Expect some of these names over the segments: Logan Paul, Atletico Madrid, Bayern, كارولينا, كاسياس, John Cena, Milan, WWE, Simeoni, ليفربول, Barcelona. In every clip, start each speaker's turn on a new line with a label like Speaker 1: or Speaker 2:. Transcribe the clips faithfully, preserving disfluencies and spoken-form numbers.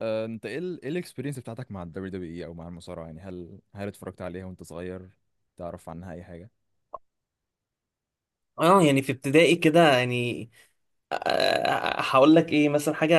Speaker 1: آه، انت ايه ال ايه الاكسبيرينس بتاعتك مع الدبليو دبليو اي او مع المصارعه؟ يعني هل هل اتفرجت عليها وانت صغير؟ تعرف عنها اي حاجه؟
Speaker 2: اه، يعني في ابتدائي كده. يعني آه، آه، هقول لك ايه، مثلا حاجه،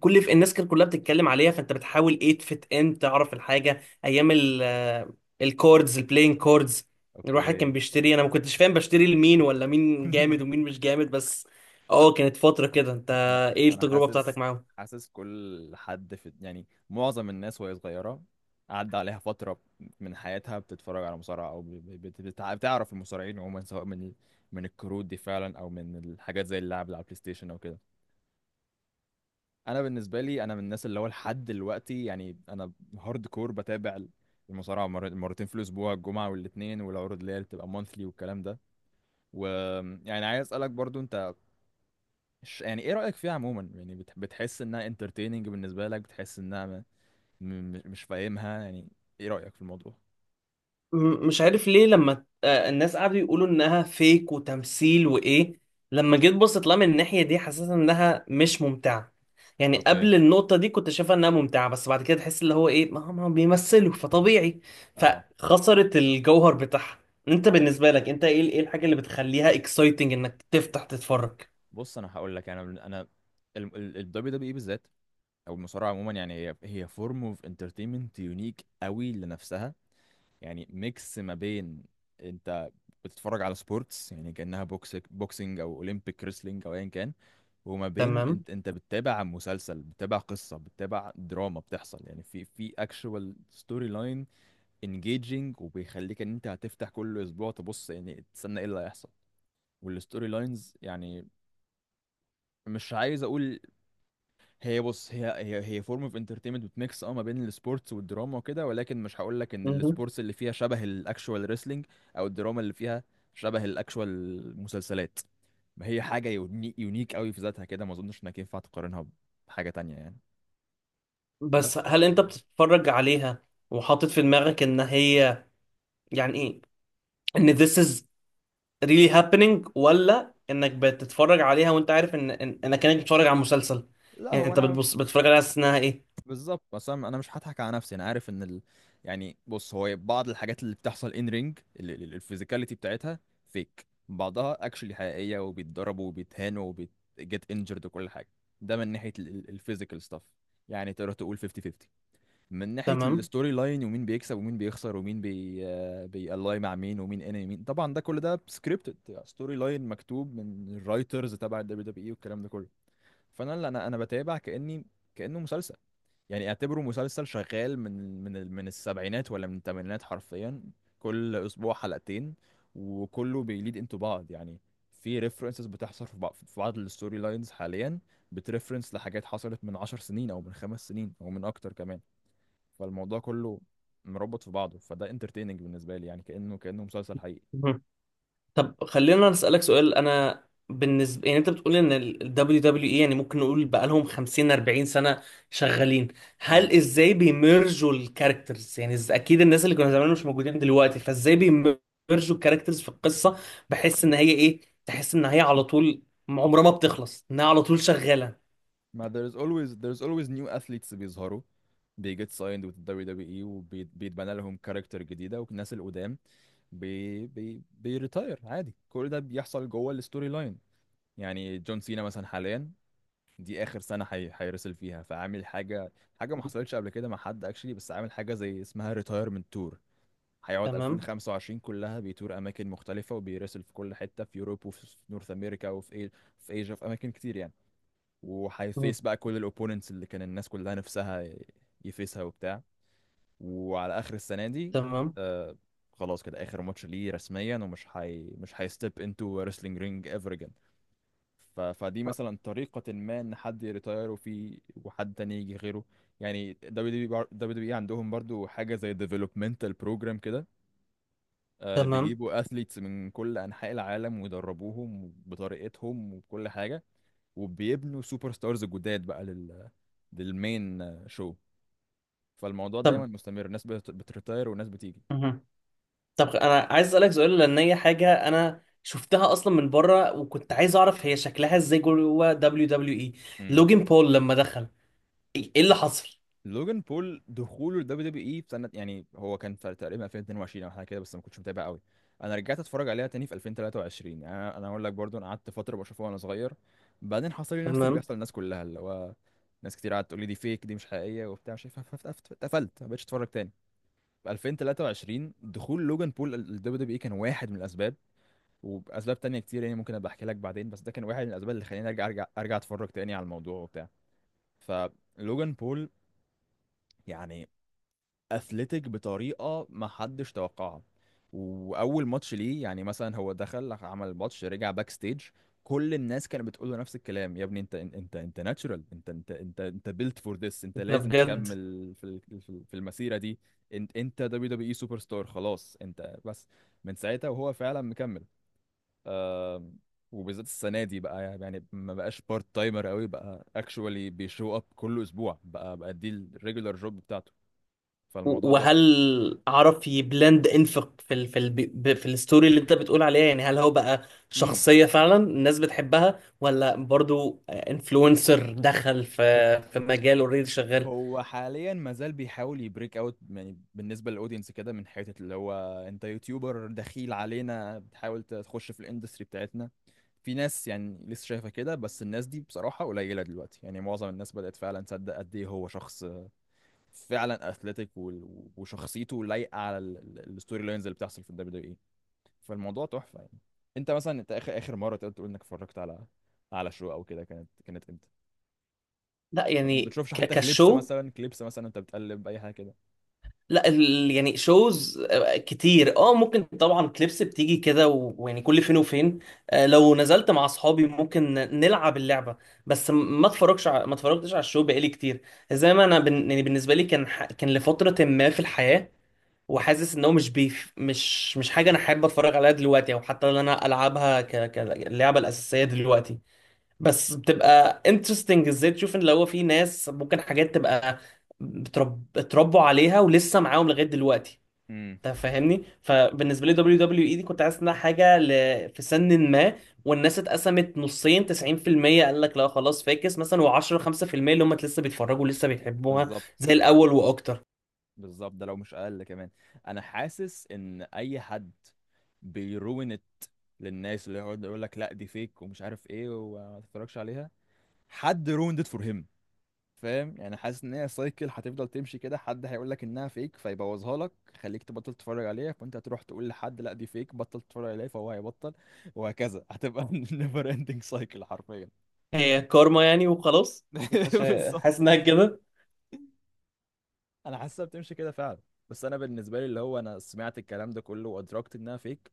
Speaker 2: كل في الناس كانت كلها بتتكلم عليها، فانت بتحاول ايه تفت ان تعرف الحاجه، ايام ال آه، الكوردز، البلاين كوردز. الواحد
Speaker 1: اوكي.
Speaker 2: كان بيشتري، انا ما كنتش فاهم بشتري لمين، ولا مين جامد ومين مش جامد، بس اه كانت فتره كده. انت
Speaker 1: انا
Speaker 2: ايه
Speaker 1: انا
Speaker 2: التجربه
Speaker 1: حاسس
Speaker 2: بتاعتك معاهم؟
Speaker 1: حاسس كل حد في يعني معظم الناس وهي صغيره عدى عليها فتره من حياتها بتتفرج على مصارعه، او بت- بت- بتع- بتعرف المصارعين عموما، سواء من من الكروت دي فعلا او من الحاجات زي اللعب على البلاي ستيشن او كده. انا بالنسبه لي، انا من الناس اللي هو لحد دلوقتي، يعني انا هارد كور، بتابع المصارعه مر- مرتين في الاسبوع، الجمعه والاثنين، والعروض اللي هي بتبقى مونثلي والكلام ده. ويعني عايز اسالك برضو انت، ش- يعني ايه رايك فيها عموما؟ يعني بت- بتحس انها انترتيننج بالنسبه لك، بتحس انها م- م- مش فاهمها؟ يعني ايه رايك في الموضوع؟
Speaker 2: م- مش عارف ليه، لما آه، الناس قعدوا يقولوا انها فيك وتمثيل وايه، لما جيت بصيت لها من الناحية دي، حسيت انها مش ممتعة. يعني
Speaker 1: اوكي.
Speaker 2: قبل النقطة دي كنت شايفها انها ممتعة، بس بعد كده تحس اللي هو ايه، ما هم بيمثلوا فطبيعي،
Speaker 1: اه
Speaker 2: فخسرت الجوهر بتاعها. انت بالنسبة لك، انت ايه ايه الحاجة اللي بتخليها اكسايتنج انك تفتح تتفرج؟
Speaker 1: بص، انا هقول لك. انا من- انا الدبليو دبليو اي بالذات او المصارعه عموما، يعني هي هي فورم اوف انترتينمنت يونيك قوي لنفسها. يعني ميكس ما بين انت بتتفرج على سبورتس، يعني كأنها بوكس بوكسنج او اولمبيك ريسلينج او ايا كان، وما بين
Speaker 2: تمام.
Speaker 1: انت انت بتتابع مسلسل، بتتابع قصة، بتتابع دراما. بتحصل، يعني، في في اكشوال ستوري لاين انجيجنج، وبيخليك ان انت هتفتح كل اسبوع تبص، يعني تستنى ايه اللي هيحصل. والستوري لاينز، يعني، مش عايز اقول. هي بص هي هي هي فورم اوف انترتينمنت بتميكس، اه ما بين السبورتس والدراما وكده، ولكن مش هقول لك ان
Speaker 2: مهم.
Speaker 1: السبورتس اللي فيها شبه الاكشوال ريسلينج، او الدراما اللي فيها شبه الاكشوال مسلسلات. ما هي حاجه يونيك، يونيك قوي في ذاتها كده، ما اظنش انك ينفع تقارنها بحاجه تانية يعني.
Speaker 2: بس
Speaker 1: بس ف-
Speaker 2: هل انت بتتفرج عليها وحاطط في دماغك ان هي، يعني ايه، ان this is ريلي هابينج، ولا انك بتتفرج عليها وانت عارف ان إن- انك كانك بتتفرج على مسلسل؟
Speaker 1: لا،
Speaker 2: يعني
Speaker 1: هو
Speaker 2: انت
Speaker 1: انا
Speaker 2: بتبص بتتفرج عليها حاسس انها ايه؟
Speaker 1: بالظبط. بس انا أنا مش هضحك على نفسي، انا عارف ان ال... يعني بص، هو بعض الحاجات اللي بتحصل ان رينج الفيزيكاليتي بتاعتها فيك، بعضها اكشلي حقيقيه وبيتضربوا وبيتهانوا وبيتجت انجرد وكل حاجه. ده من ناحيه الفيزيكال ستاف، يعني تقدر تقول خمسين خمسين. من ناحيه
Speaker 2: تمام.
Speaker 1: الستوري لاين ومين بيكسب ومين بيخسر ومين بي بيالاي مع مين ومين انمي مين، طبعا ده كل ده سكريبتد ستوري لاين مكتوب من الرايترز تبع الدبليو دبليو اي والكلام ده كله. فانا، لا، انا انا بتابع كاني كانه مسلسل. يعني اعتبره مسلسل شغال من من ال- من السبعينات ولا من الثمانينات حرفيا، كل اسبوع حلقتين، وكله بيليد انتو بعض يعني. في ريفرنسز بتحصل في بعض في بعض الستوري لاينز حاليا بتريفرنس لحاجات حصلت من عشر سنين او من خمس سنين او من اكتر كمان. فالموضوع كله مربط في بعضه، فده انترتيننج بالنسبه لي، يعني كانه، كانه مسلسل حقيقي.
Speaker 2: مهم. طب خلينا نسألك سؤال. انا بالنسبه، يعني انت بتقول ان ال دبليو دبليو اي يعني ممكن نقول بقالهم خمسين اربعين سنه شغالين، هل، ازاي بيمرجوا الكاركترز؟ يعني إز- اكيد الناس اللي كانوا زمان مش موجودين دلوقتي، فازاي بيمرجوا الكاركترز في القصه، بحيث ان هي، ايه، تحس ان هي على طول عمرها ما بتخلص، انها على طول شغاله؟
Speaker 1: ما there's always there's always new athletes بيظهروا، they get signed with the دبليو دبليو إي، وبيتبنى لهم كاركتر جديدة، والناس القدام بي بي بيريتاير عادي. كل ده بيحصل جوه الستوري لاين. يعني جون سينا مثلا حاليا، دي آخر سنة حي... هيرسل فيها، فعامل حاجة، حاجة ما حصلتش قبل كده مع حد اكشلي، بس عامل حاجة زي اسمها ريتايرمنت تور. هيقعد
Speaker 2: تمام.
Speaker 1: ألفين وخمسة وعشرين كلها بيتور أماكن مختلفة وبيرسل في كل حتة، في يوروب وفي نورث أمريكا وفي إي... في إيجا، في أماكن كتير يعني.
Speaker 2: مم.
Speaker 1: وهيفيس بقى كل الاوبوننتس اللي كان الناس كلها نفسها ي- يفيسها وبتاع. وعلى اخر السنه دي،
Speaker 2: تمام.
Speaker 1: آه خلاص كده، اخر ماتش ليه رسميا، ومش هي مش هيستيب انتو ريسلينج رينج ايفر اجين. ف... فدي مثلا طريقه ما ان حد يريتاير، وفي وحد تاني يجي غيره. يعني دبليو دبليو بار- دبليو دبليو إي عندهم برضو حاجه زي ديفلوبمنتال بروجرام كده. آه
Speaker 2: تمام
Speaker 1: بيجيبوا اثليتس من كل انحاء العالم ويدربوهم بطريقتهم وكل حاجه، وبيبنوا سوبر ستارز جداد بقى لل للمين، شو. فالموضوع دايما
Speaker 2: طب
Speaker 1: مستمر، ناس بت- بتريتاير وناس بتيجي.
Speaker 2: مهم. طب انا عايز اسالك سؤال، لان هي حاجه انا شفتها اصلا من بره، وكنت عايز اعرف هي شكلها ازاي جوه دبليو دبليو اي.
Speaker 1: امم
Speaker 2: لوجين بول لما دخل، ايه إيه اللي حصل؟
Speaker 1: لوجان بول دخوله الدبليو دبليو اي في سنه، يعني هو كان في تقريبا ألفين واتنين وعشرين او حاجه كده، بس ما كنتش متابع قوي. انا رجعت اتفرج عليها تاني في ألفين وتلاتة وعشرين. يعني انا، أنا اقول لك برضو، انا قعدت فتره بشوفها وانا صغير، بعدين حصل لي نفس اللي
Speaker 2: تمام.
Speaker 1: بيحصل للناس كلها، اللي هو ناس كتير قعدت تقول لي دي فيك، دي مش حقيقيه وبتاع، مش عارف، فف- فف- اتقفلت ما بقتش اتفرج تاني. في ألفين وتلاتة وعشرين، دخول لوجان بول الدبليو دبليو اي كان واحد من الاسباب، وباسباب تانية كتير، يعني ممكن ابقى احكي لك بعدين، بس ده كان واحد من الاسباب اللي خلاني ارجع، ارجع ارجع اتفرج تاني على الموضوع وبتاع. فلوجان بول يعني اثليتيك بطريقه ما حدش توقعها. واول ماتش ليه، يعني مثلا هو دخل عمل ماتش، رجع باك ستيج، كل الناس كانت بتقول له نفس الكلام، يا ابني انت انت انت انت ناتشورال، انت انت انت انت بيلت فور ذس، انت
Speaker 2: ده
Speaker 1: لازم
Speaker 2: بجد؟
Speaker 1: تكمل في ال- في في المسيره دي، انت، انت دبليو دبليو اي سوبر ستار، خلاص انت بس. من ساعتها وهو فعلا مكمل. آم، وبالذات السنه دي بقى، يعني ما بقاش بارت تايمر قوي، بقى اكشوالي بيشو اب كل اسبوع، بقى بقى دي الريجولار جوب بتاعته.
Speaker 2: و-
Speaker 1: فالموضوع تحفه.
Speaker 2: وهل عرف يبلند انفق في ال في ال ب- في الستوري اللي انت بتقول عليها؟ يعني هل هو بقى
Speaker 1: امم
Speaker 2: شخصيه فعلا الناس بتحبها، ولا برضو انفلونسر دخل في في مجال اوريدي شغال؟
Speaker 1: هو حاليا ما زال بيحاول يبريك اوت، يعني بالنسبه للاودينس كده، من حته اللي هو انت يوتيوبر دخيل علينا بتحاول تخش في الاندستري بتاعتنا. في ناس يعني لسه شايفه كده، بس الناس دي بصراحه قليله دلوقتي، يعني معظم الناس بدات فعلا تصدق قد ايه هو شخص فعلا اثليتيك، وال- وشخصيته لايقه على ال- ال- الستوري لاينز اللي بتحصل في الدبليو دبليو اي. فالموضوع تحفه يعني. انت مثلا، انت اخر اخر مره تقدر تقول انك اتفرجت على على شو او كده كانت، كانت امتى؟
Speaker 2: لا،
Speaker 1: ما
Speaker 2: يعني
Speaker 1: بتشوفش
Speaker 2: ك-
Speaker 1: حتى كليبس
Speaker 2: كشو،
Speaker 1: مثلا؟ كليبس مثلا انت بتقلب اي حاجه كده؟
Speaker 2: لا ال... يعني شوز كتير، اه، ممكن طبعا كليبس بتيجي كده، و- ويعني كل فين وفين. آه، لو نزلت مع اصحابي ممكن نلعب اللعبه، بس م- ما اتفرجش ع... ما اتفرجتش على الشو بقالي كتير. زي ما انا بن... يعني بالنسبه لي كان ح... كان لفتره ما في الحياه، وحاسس ان هو مش بيف... مش مش حاجه انا حابب اتفرج عليها دلوقتي، او حتى ان انا العبها ك... كاللعبه الاساسيه دلوقتي. بس بتبقى انترستنج ازاي تشوف ان لو في ناس ممكن حاجات تبقى بترب... اتربوا عليها ولسه معاهم لغايه دلوقتي،
Speaker 1: امم
Speaker 2: انت فاهمني؟ فبالنسبه لي دبليو دبليو اي دي كنت حاسس انها حاجه ل... في سن ما، والناس اتقسمت نصين، تسعين بالمية قال لك لا خلاص فاكس مثلا، و10 خمسة بالمية اللي هم لسه بيتفرجوا لسه بيحبوها
Speaker 1: بالظبط.
Speaker 2: زي الاول واكتر.
Speaker 1: بالظبط. ده لو مش اقل كمان. انا حاسس ان اي حد بيروين ات للناس، اللي يقعد يقول لك لا دي فيك ومش عارف ايه وما تتفرجش عليها، حد رويند ات فور هيم، فاهم؟ يعني حاسس ان هي سايكل هتفضل تمشي كده، حد هيقول لك انها فيك فيبوظها لك، خليك تبطل تتفرج عليها، فانت هتروح تقول لحد لا دي فيك، بطل تتفرج عليها، فهو هيبطل، وهكذا هتبقى نيفر اندنج سايكل حرفيا.
Speaker 2: هي كارما يعني وخلاص، انت شا-
Speaker 1: بالظبط.
Speaker 2: حاسس انها كده؟
Speaker 1: انا حاسسها بتمشي كده فعلا. بس انا بالنسبه لي اللي هو انا سمعت الكلام ده كله وادركت انها فيك،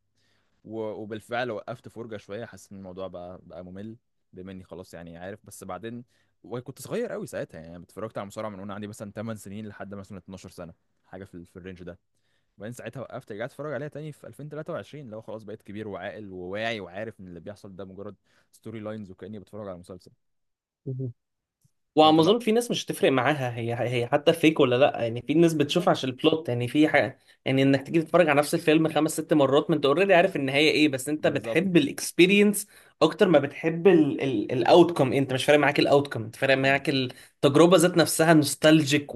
Speaker 1: و... وبالفعل وقفت فرجه شويه، حاسس ان الموضوع بقى بقى ممل، بما اني خلاص يعني عارف. بس بعدين، وكنت صغير قوي ساعتها، يعني أنا اتفرجت على مصارعه من وانا عندي مثلا ثماني سنين لحد مثلا اتناشر سنه، حاجه في, ال- في الرينج ده، وبعدين ساعتها وقفت. رجعت اتفرج عليها تاني في ألفين وتلاتة وعشرين، اللي هو خلاص بقيت كبير وعاقل وواعي وعارف ان اللي بيحصل ده مجرد ستوري لاينز، وكاني بتفرج على مسلسل. فانت،
Speaker 2: وعم
Speaker 1: لا،
Speaker 2: اظن في ناس مش هتفرق معاها هي هي حتى فيك ولا لا، يعني في ناس بتشوف
Speaker 1: بالظبط.
Speaker 2: عشان البلوت. يعني في حاجه، يعني انك تيجي تتفرج على نفس الفيلم خمس ست مرات ما انت اوريدي عارف النهايه ايه، بس انت
Speaker 1: بالظبط
Speaker 2: بتحب
Speaker 1: كده.
Speaker 2: الاكسبيرينس اكتر ما بتحب الاوتكم، انت مش فارق معاك الاوتكم، انت فارق
Speaker 1: مم.
Speaker 2: معاك التجربه ذات نفسها، نوستالجيك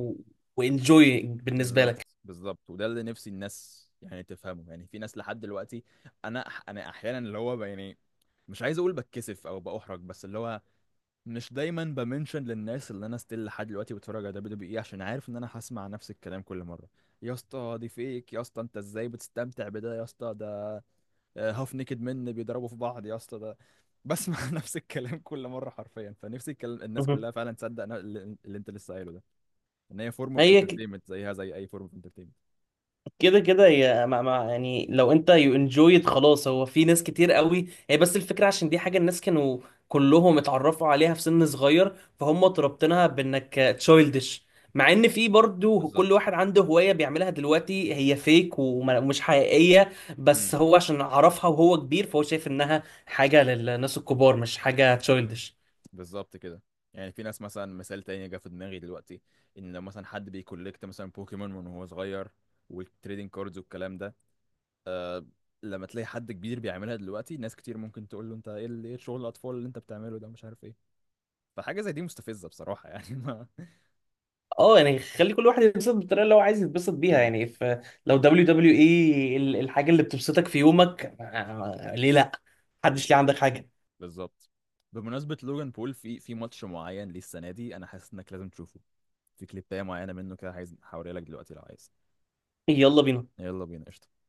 Speaker 2: وانجوي بالنسبه لك.
Speaker 1: بالظبط. بالظبط وده اللي نفسي الناس يعني تفهمه. يعني في ناس لحد دلوقتي، انا، انا احيانا اللي هو ب- يعني مش عايز اقول بتكسف او باحرج، بس اللي هو مش دايما بمنشن للناس اللي انا ستيل لحد دلوقتي بتفرج على دبليو دبليو اي، عشان عارف ان انا هسمع نفس الكلام كل مره: يا اسطى دي فيك، يا اسطى انت ازاي بتستمتع بده، يا اسطى ده هاف نيكد من بيضربوا في بعض، يا اسطى ده. بسمع نفس الكلام كل مره حرفيا. فنفسي الكلام الناس
Speaker 2: مهم.
Speaker 1: كلها فعلا تصدق نا- اللي، اللي انت لسه قايله ده، ان هي فورم اوف
Speaker 2: هي
Speaker 1: انترتينمنت زيها زي اي فورم اوف انترتينمنت.
Speaker 2: كده كده هي مع مع، يعني لو انت يو انجويد خلاص، هو في ناس كتير قوي هي، بس الفكره عشان دي حاجه الناس كانوا كلهم اتعرفوا عليها في سن صغير، فهم تربطنها بانك تشايلدش، مع ان في برضو كل
Speaker 1: بالظبط.
Speaker 2: واحد عنده هوايه بيعملها دلوقتي هي فيك ومش حقيقيه. بس
Speaker 1: امم
Speaker 2: هو عشان عرفها وهو كبير، فهو شايف انها حاجه للناس الكبار مش حاجه تشايلدش.
Speaker 1: بالظبط كده. يعني في ناس مثلا، مثال تاني جه في دماغي دلوقتي، ان لو مثلا حد بيكولكت مثلا بوكيمون من وهو صغير والتريدنج كاردز والكلام ده، لما تلاقي حد كبير بيعملها دلوقتي، ناس كتير ممكن تقول له انت ايه ال- ايه شغل الاطفال اللي انت بتعمله ده، مش عارف ايه. فحاجه زي دي مستفزه بصراحه يعني. ما
Speaker 2: اه يعني خلي كل واحد ينبسط بالطريقه اللي هو عايز يتبسط بيها،
Speaker 1: امم
Speaker 2: يعني فلو دبليو دبليو اي الحاجه اللي بتبسطك في يومك، آه، ليه لا؟ محدش ليه عندك
Speaker 1: بالظبط.
Speaker 2: حاجه.
Speaker 1: بالظبط. بمناسبة لوجان بول، في في ماتش معين ليه السنة دي أنا حاسس إنك لازم تشوفه. في كليباية معينة منه كده، عايز هوريها لك دلوقتي لو عايز.
Speaker 2: يلا بينا.
Speaker 1: يلا بينا قشطة.